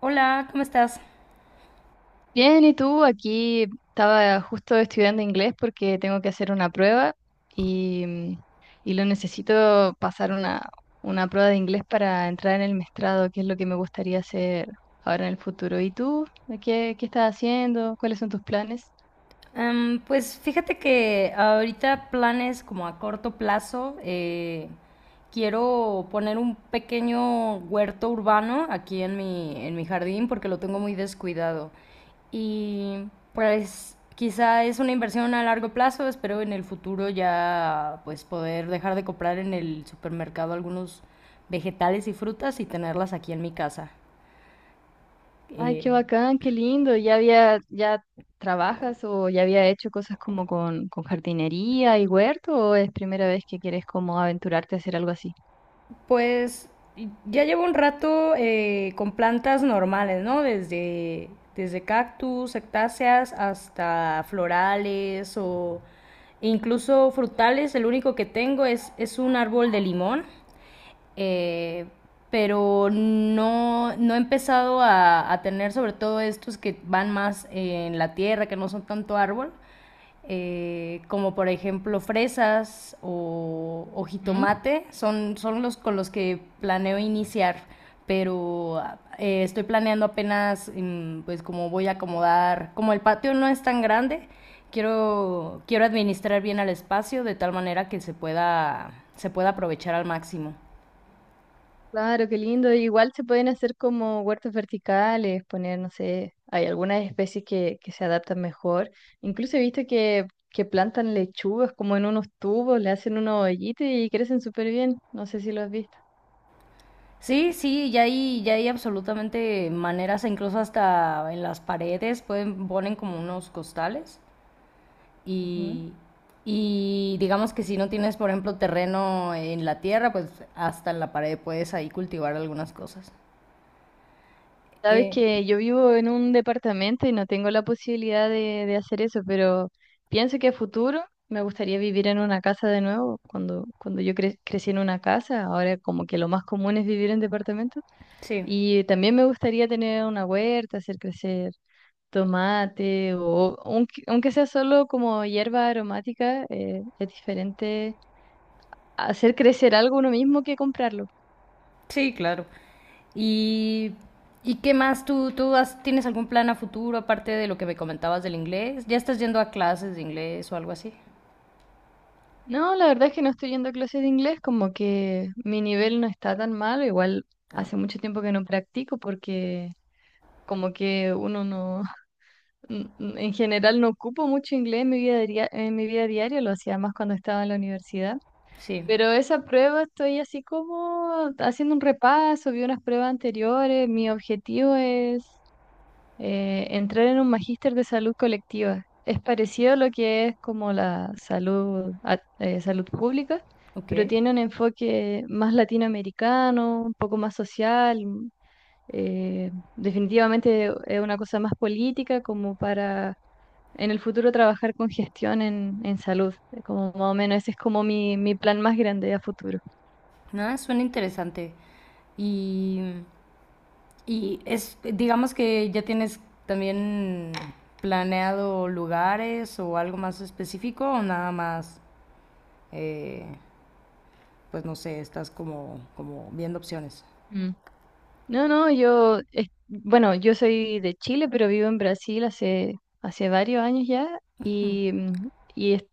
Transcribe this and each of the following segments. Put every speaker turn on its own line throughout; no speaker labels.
Hola, ¿cómo estás?
Bien, ¿y tú? Aquí estaba justo estudiando inglés porque tengo que hacer una prueba y, mm, y lo necesito pasar una prueba de inglés para entrar en el maestrado que es lo que me gustaría hacer ahora en el futuro. ¿Y tú? ¿Qué estás haciendo? ¿Cuáles son tus planes?
Pues fíjate que ahorita planes como a corto plazo, quiero poner un pequeño huerto urbano aquí en mi jardín porque lo tengo muy descuidado. Y pues quizá es una inversión a largo plazo, espero en el futuro ya pues poder dejar de comprar en el supermercado algunos vegetales y frutas y tenerlas aquí en mi casa.
Ay, qué
Eh,
bacán, qué lindo. ¿Ya trabajas o ya había hecho cosas como con jardinería y huerto o es primera vez que quieres como aventurarte a hacer algo así?
Pues ya llevo un rato con plantas normales, ¿no? Desde, desde cactus, cactáceas, hasta florales o incluso frutales. El único que tengo es un árbol de limón eh, pero no, no he empezado tener sobre todo estos que van más en la tierra, que no son tanto árbol, como por ejemplo fresas o
¿Mm?
jitomate, son, son los con los que planeo iniciar, pero estoy planeando apenas pues como voy a acomodar, como el patio no es tan grande, quiero, quiero administrar bien el espacio de tal manera que se pueda aprovechar al máximo.
Claro, qué lindo. Igual se pueden hacer como huertos verticales, poner, no sé, hay algunas especies que se adaptan mejor. Incluso he visto que plantan lechugas como en unos tubos, le hacen unos hoyitos y crecen súper bien. No sé si lo has visto.
Sí, sí, ya hay absolutamente maneras, e incluso hasta en las paredes pueden, ponen como unos costales
Ujú.
y, y digamos que si no tienes, por ejemplo, terreno en la tierra, pues hasta en la pared puedes ahí cultivar algunas cosas.
Sabes
Eh,
que yo vivo en un departamento y no tengo la posibilidad de hacer eso, pero pienso que a futuro me gustaría vivir en una casa de nuevo. Cuando yo crecí en una casa, ahora como que lo más común es vivir en departamentos.
sí,
Y también me gustaría tener una huerta, hacer crecer tomate o aunque sea solo como hierba aromática, es diferente hacer crecer algo uno mismo que comprarlo.
sí, claro. ¿Y, y qué más? ¿Tú, tienes algún plan a futuro aparte de lo que me comentabas del inglés? ¿Ya estás yendo a clases de inglés o algo así?
No, la verdad es que no estoy yendo a clases de inglés, como que mi nivel no está tan malo, igual
Ah,
hace mucho tiempo que no practico porque como que uno no, en general no ocupo mucho inglés en mi vida, en mi vida diaria, lo hacía más cuando estaba en la universidad.
sí,
Pero esa prueba estoy así como haciendo un repaso, vi unas pruebas anteriores. Mi objetivo es entrar en un magíster de salud colectiva. Es parecido a lo que es como la salud, salud pública,
ok.
pero tiene un enfoque más latinoamericano, un poco más social. Definitivamente es una cosa más política como para en el futuro trabajar con gestión en salud. Como más o menos ese es como mi plan más grande a futuro.
Ah, suena interesante. Y, y es, digamos que ya tienes también planeado lugares o algo más específico o nada más, eh, pues no sé, estás como, como viendo opciones.
Mm. No, no, yo, bueno, yo soy de Chile, pero vivo en Brasil hace, hace varios años ya y, mm, y es-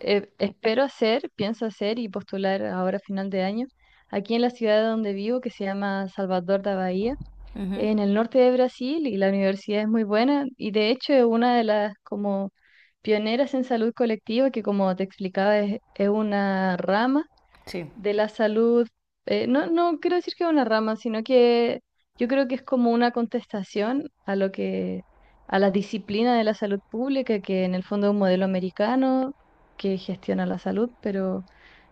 espero hacer, pienso hacer y postular ahora a final de año aquí en la ciudad donde vivo, que se llama Salvador da Bahía,
Ujú.
en el norte de Brasil, y la universidad es muy buena y de hecho es una de las como pioneras en salud colectiva que, como te explicaba, es una rama
Sí,
de la salud. No, no quiero decir que es una rama, sino que yo creo que es como una contestación a lo a la disciplina de la salud pública, que en el fondo es un modelo americano que gestiona la salud, pero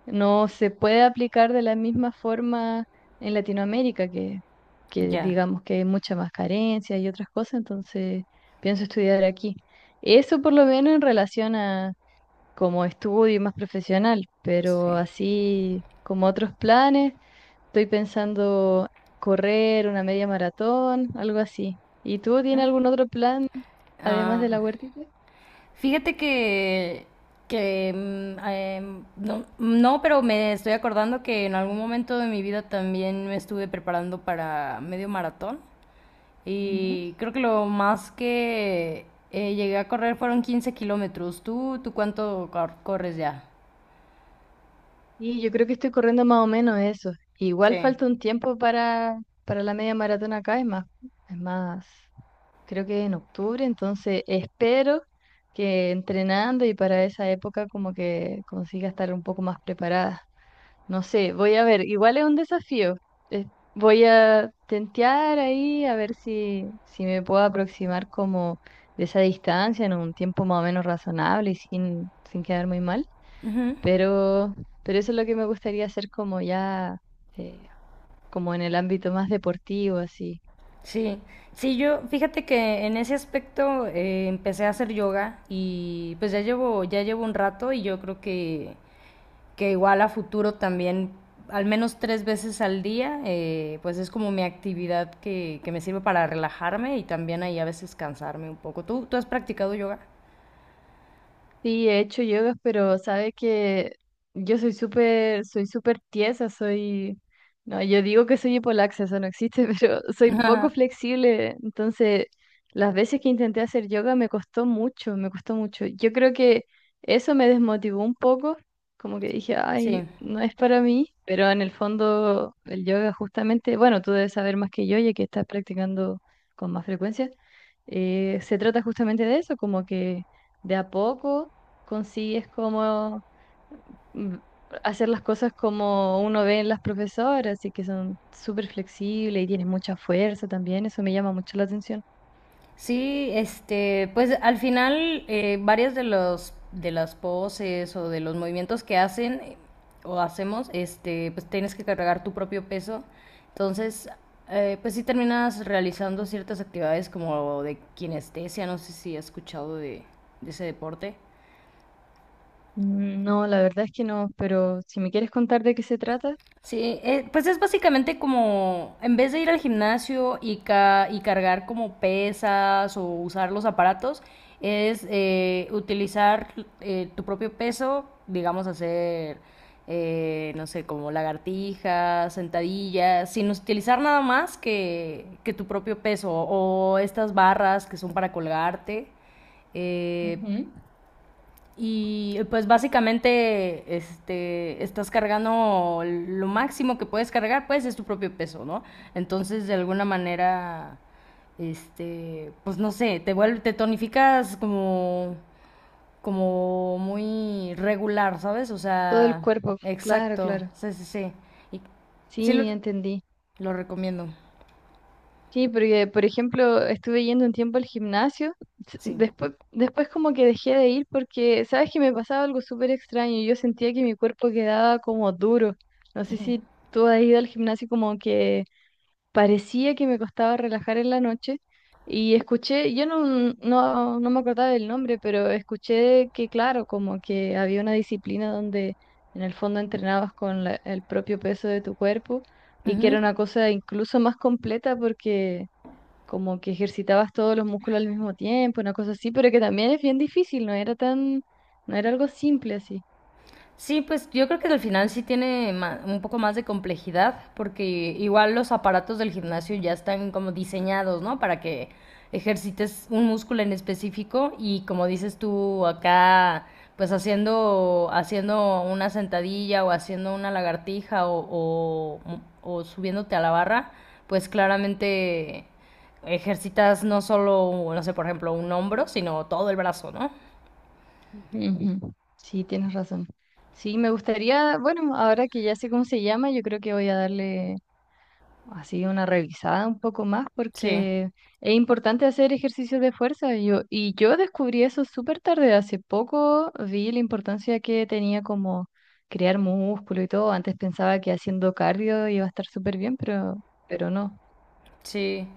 no se puede aplicar de la misma forma en Latinoamérica, que
ya,
digamos que hay mucha más carencia y otras cosas, entonces pienso estudiar aquí. Eso por lo menos en relación a como estudio y más profesional,
sí.
pero así como otros planes, estoy pensando correr una media maratón, algo así. ¿Y tú tienes algún otro plan además de
Ah,
la huertita?
fíjate que no, no, pero me estoy acordando que en algún momento de mi vida también me estuve preparando para medio maratón.
Ujú.
Y creo que lo más que llegué a correr fueron 15 kilómetros. ¿Tú, corres ya?
Y yo creo que estoy corriendo más o menos eso.
Sí.
Igual falta un tiempo para la media maratón acá, es más, creo que en octubre, entonces espero que entrenando y para esa época como que consiga estar un poco más preparada. No sé, voy a ver, igual es un desafío. Es- Voy a tentear ahí a ver si, si me puedo aproximar como de esa distancia en un tiempo más o menos razonable y sin quedar muy mal.
Ujú,
Pero, pero eso es lo que me gustaría hacer como ya, eh, como en el ámbito más deportivo, así.
sí, sí, yo fíjate que en ese aspecto empecé a hacer yoga y pues ya llevo un rato y yo creo que igual a futuro también, al menos 3 veces al día, pues es como mi actividad que me sirve para relajarme y también ahí a veces cansarme un poco. ¿Tú, tú has practicado yoga?
Sí, he hecho yoga, pero sabe que yo soy súper tiesa, soy, no, yo digo que soy hipolaxa, eso no existe, pero soy poco flexible, entonces las veces que intenté hacer yoga me costó mucho, me costó mucho. Yo creo que eso me desmotivó un poco, como que dije, ay,
Sí.
no es para mí, pero en el fondo el yoga justamente, bueno, tú debes saber más que yo, ya que estás practicando con más frecuencia. Se trata justamente de eso, como que de a poco consigues como mm, hacer las cosas como uno ve en las profesoras y que son súper flexibles y tienes mucha fuerza también, eso me llama mucho la atención.
Sí, este, pues al final varias de los de las poses o de los movimientos que hacen o hacemos, este, pues tienes que cargar tu propio peso. Entonces, pues sí terminas realizando ciertas actividades como de kinestesia, no sé si has escuchado de ese deporte.
Mm, no, la verdad es que no, pero si me quieres contar de qué se trata.
Sí, pues es básicamente como, en vez de ir al gimnasio y, y cargar como pesas o usar los aparatos, es utilizar tu propio peso, digamos hacer, no sé, como lagartijas, sentadillas, sin utilizar nada más que tu propio peso o estas barras que son para colgarte. Eh,
Ujú.
y pues básicamente este, estás cargando lo máximo que puedes cargar, pues es tu propio peso, ¿no? Entonces de alguna manera, este, pues no sé, te, vuelve, te tonificas como, como muy regular, ¿sabes? O
Todo el
sea,
cuerpo, claro,
exacto,
claro.
sí, sí, sí. Y sí
Sí, entendí.
lo recomiendo,
Sí, porque por ejemplo estuve yendo un tiempo al gimnasio,
sí.
después como que dejé de ir porque, ¿sabes que me pasaba algo súper extraño? Yo sentía que mi cuerpo quedaba como duro. No sé si tú has ido al gimnasio, como que parecía que me costaba relajar en la noche y escuché, yo no, no me acordaba del nombre, pero escuché que claro, como que había una disciplina donde en el fondo entrenabas con el propio peso de tu cuerpo y que era una cosa incluso más completa porque como que ejercitabas todos los músculos al mismo tiempo, una cosa así, pero que también es bien difícil, no era algo simple así.
Sí, pues yo creo que al final sí tiene un poco más de complejidad, porque igual los aparatos del gimnasio ya están como diseñados, ¿no? Para que ejercites un músculo en específico y como dices tú acá, pues haciendo, haciendo una sentadilla o haciendo una lagartija o subiéndote a la barra, pues claramente ejercitas no solo, no sé, por ejemplo, un hombro, sino todo el brazo, ¿no?
Ujú. Sí, tienes razón. Sí, me gustaría, bueno, ahora que ya sé cómo se llama, yo creo que voy a darle así una revisada un poco más
Sí,
porque es importante hacer ejercicios de fuerza. Yo descubrí eso súper tarde, hace poco vi la importancia que tenía como crear músculo y todo. Antes pensaba que haciendo cardio iba a estar súper bien, pero no.
sí.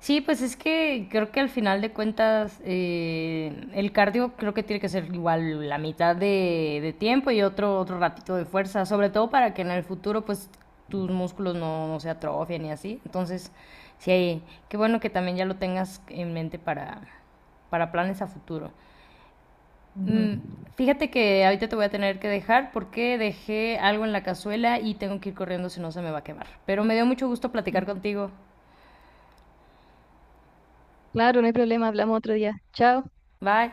Sí, pues es que creo que al final de cuentas el cardio creo que tiene que ser igual la mitad de tiempo y otro, otro ratito de fuerza, sobre todo para que en el futuro pues tus músculos no, no se atrofien y así. Entonces, sí, qué bueno que también ya lo tengas en mente para planes a futuro.
Ujú.
Mm, fíjate que ahorita te voy a tener que dejar porque dejé algo en la cazuela y tengo que ir corriendo si no se me va a quemar. Pero me dio mucho gusto
Ujú.
platicar contigo.
Claro, no hay problema, hablamos otro día. Chao.
Bye.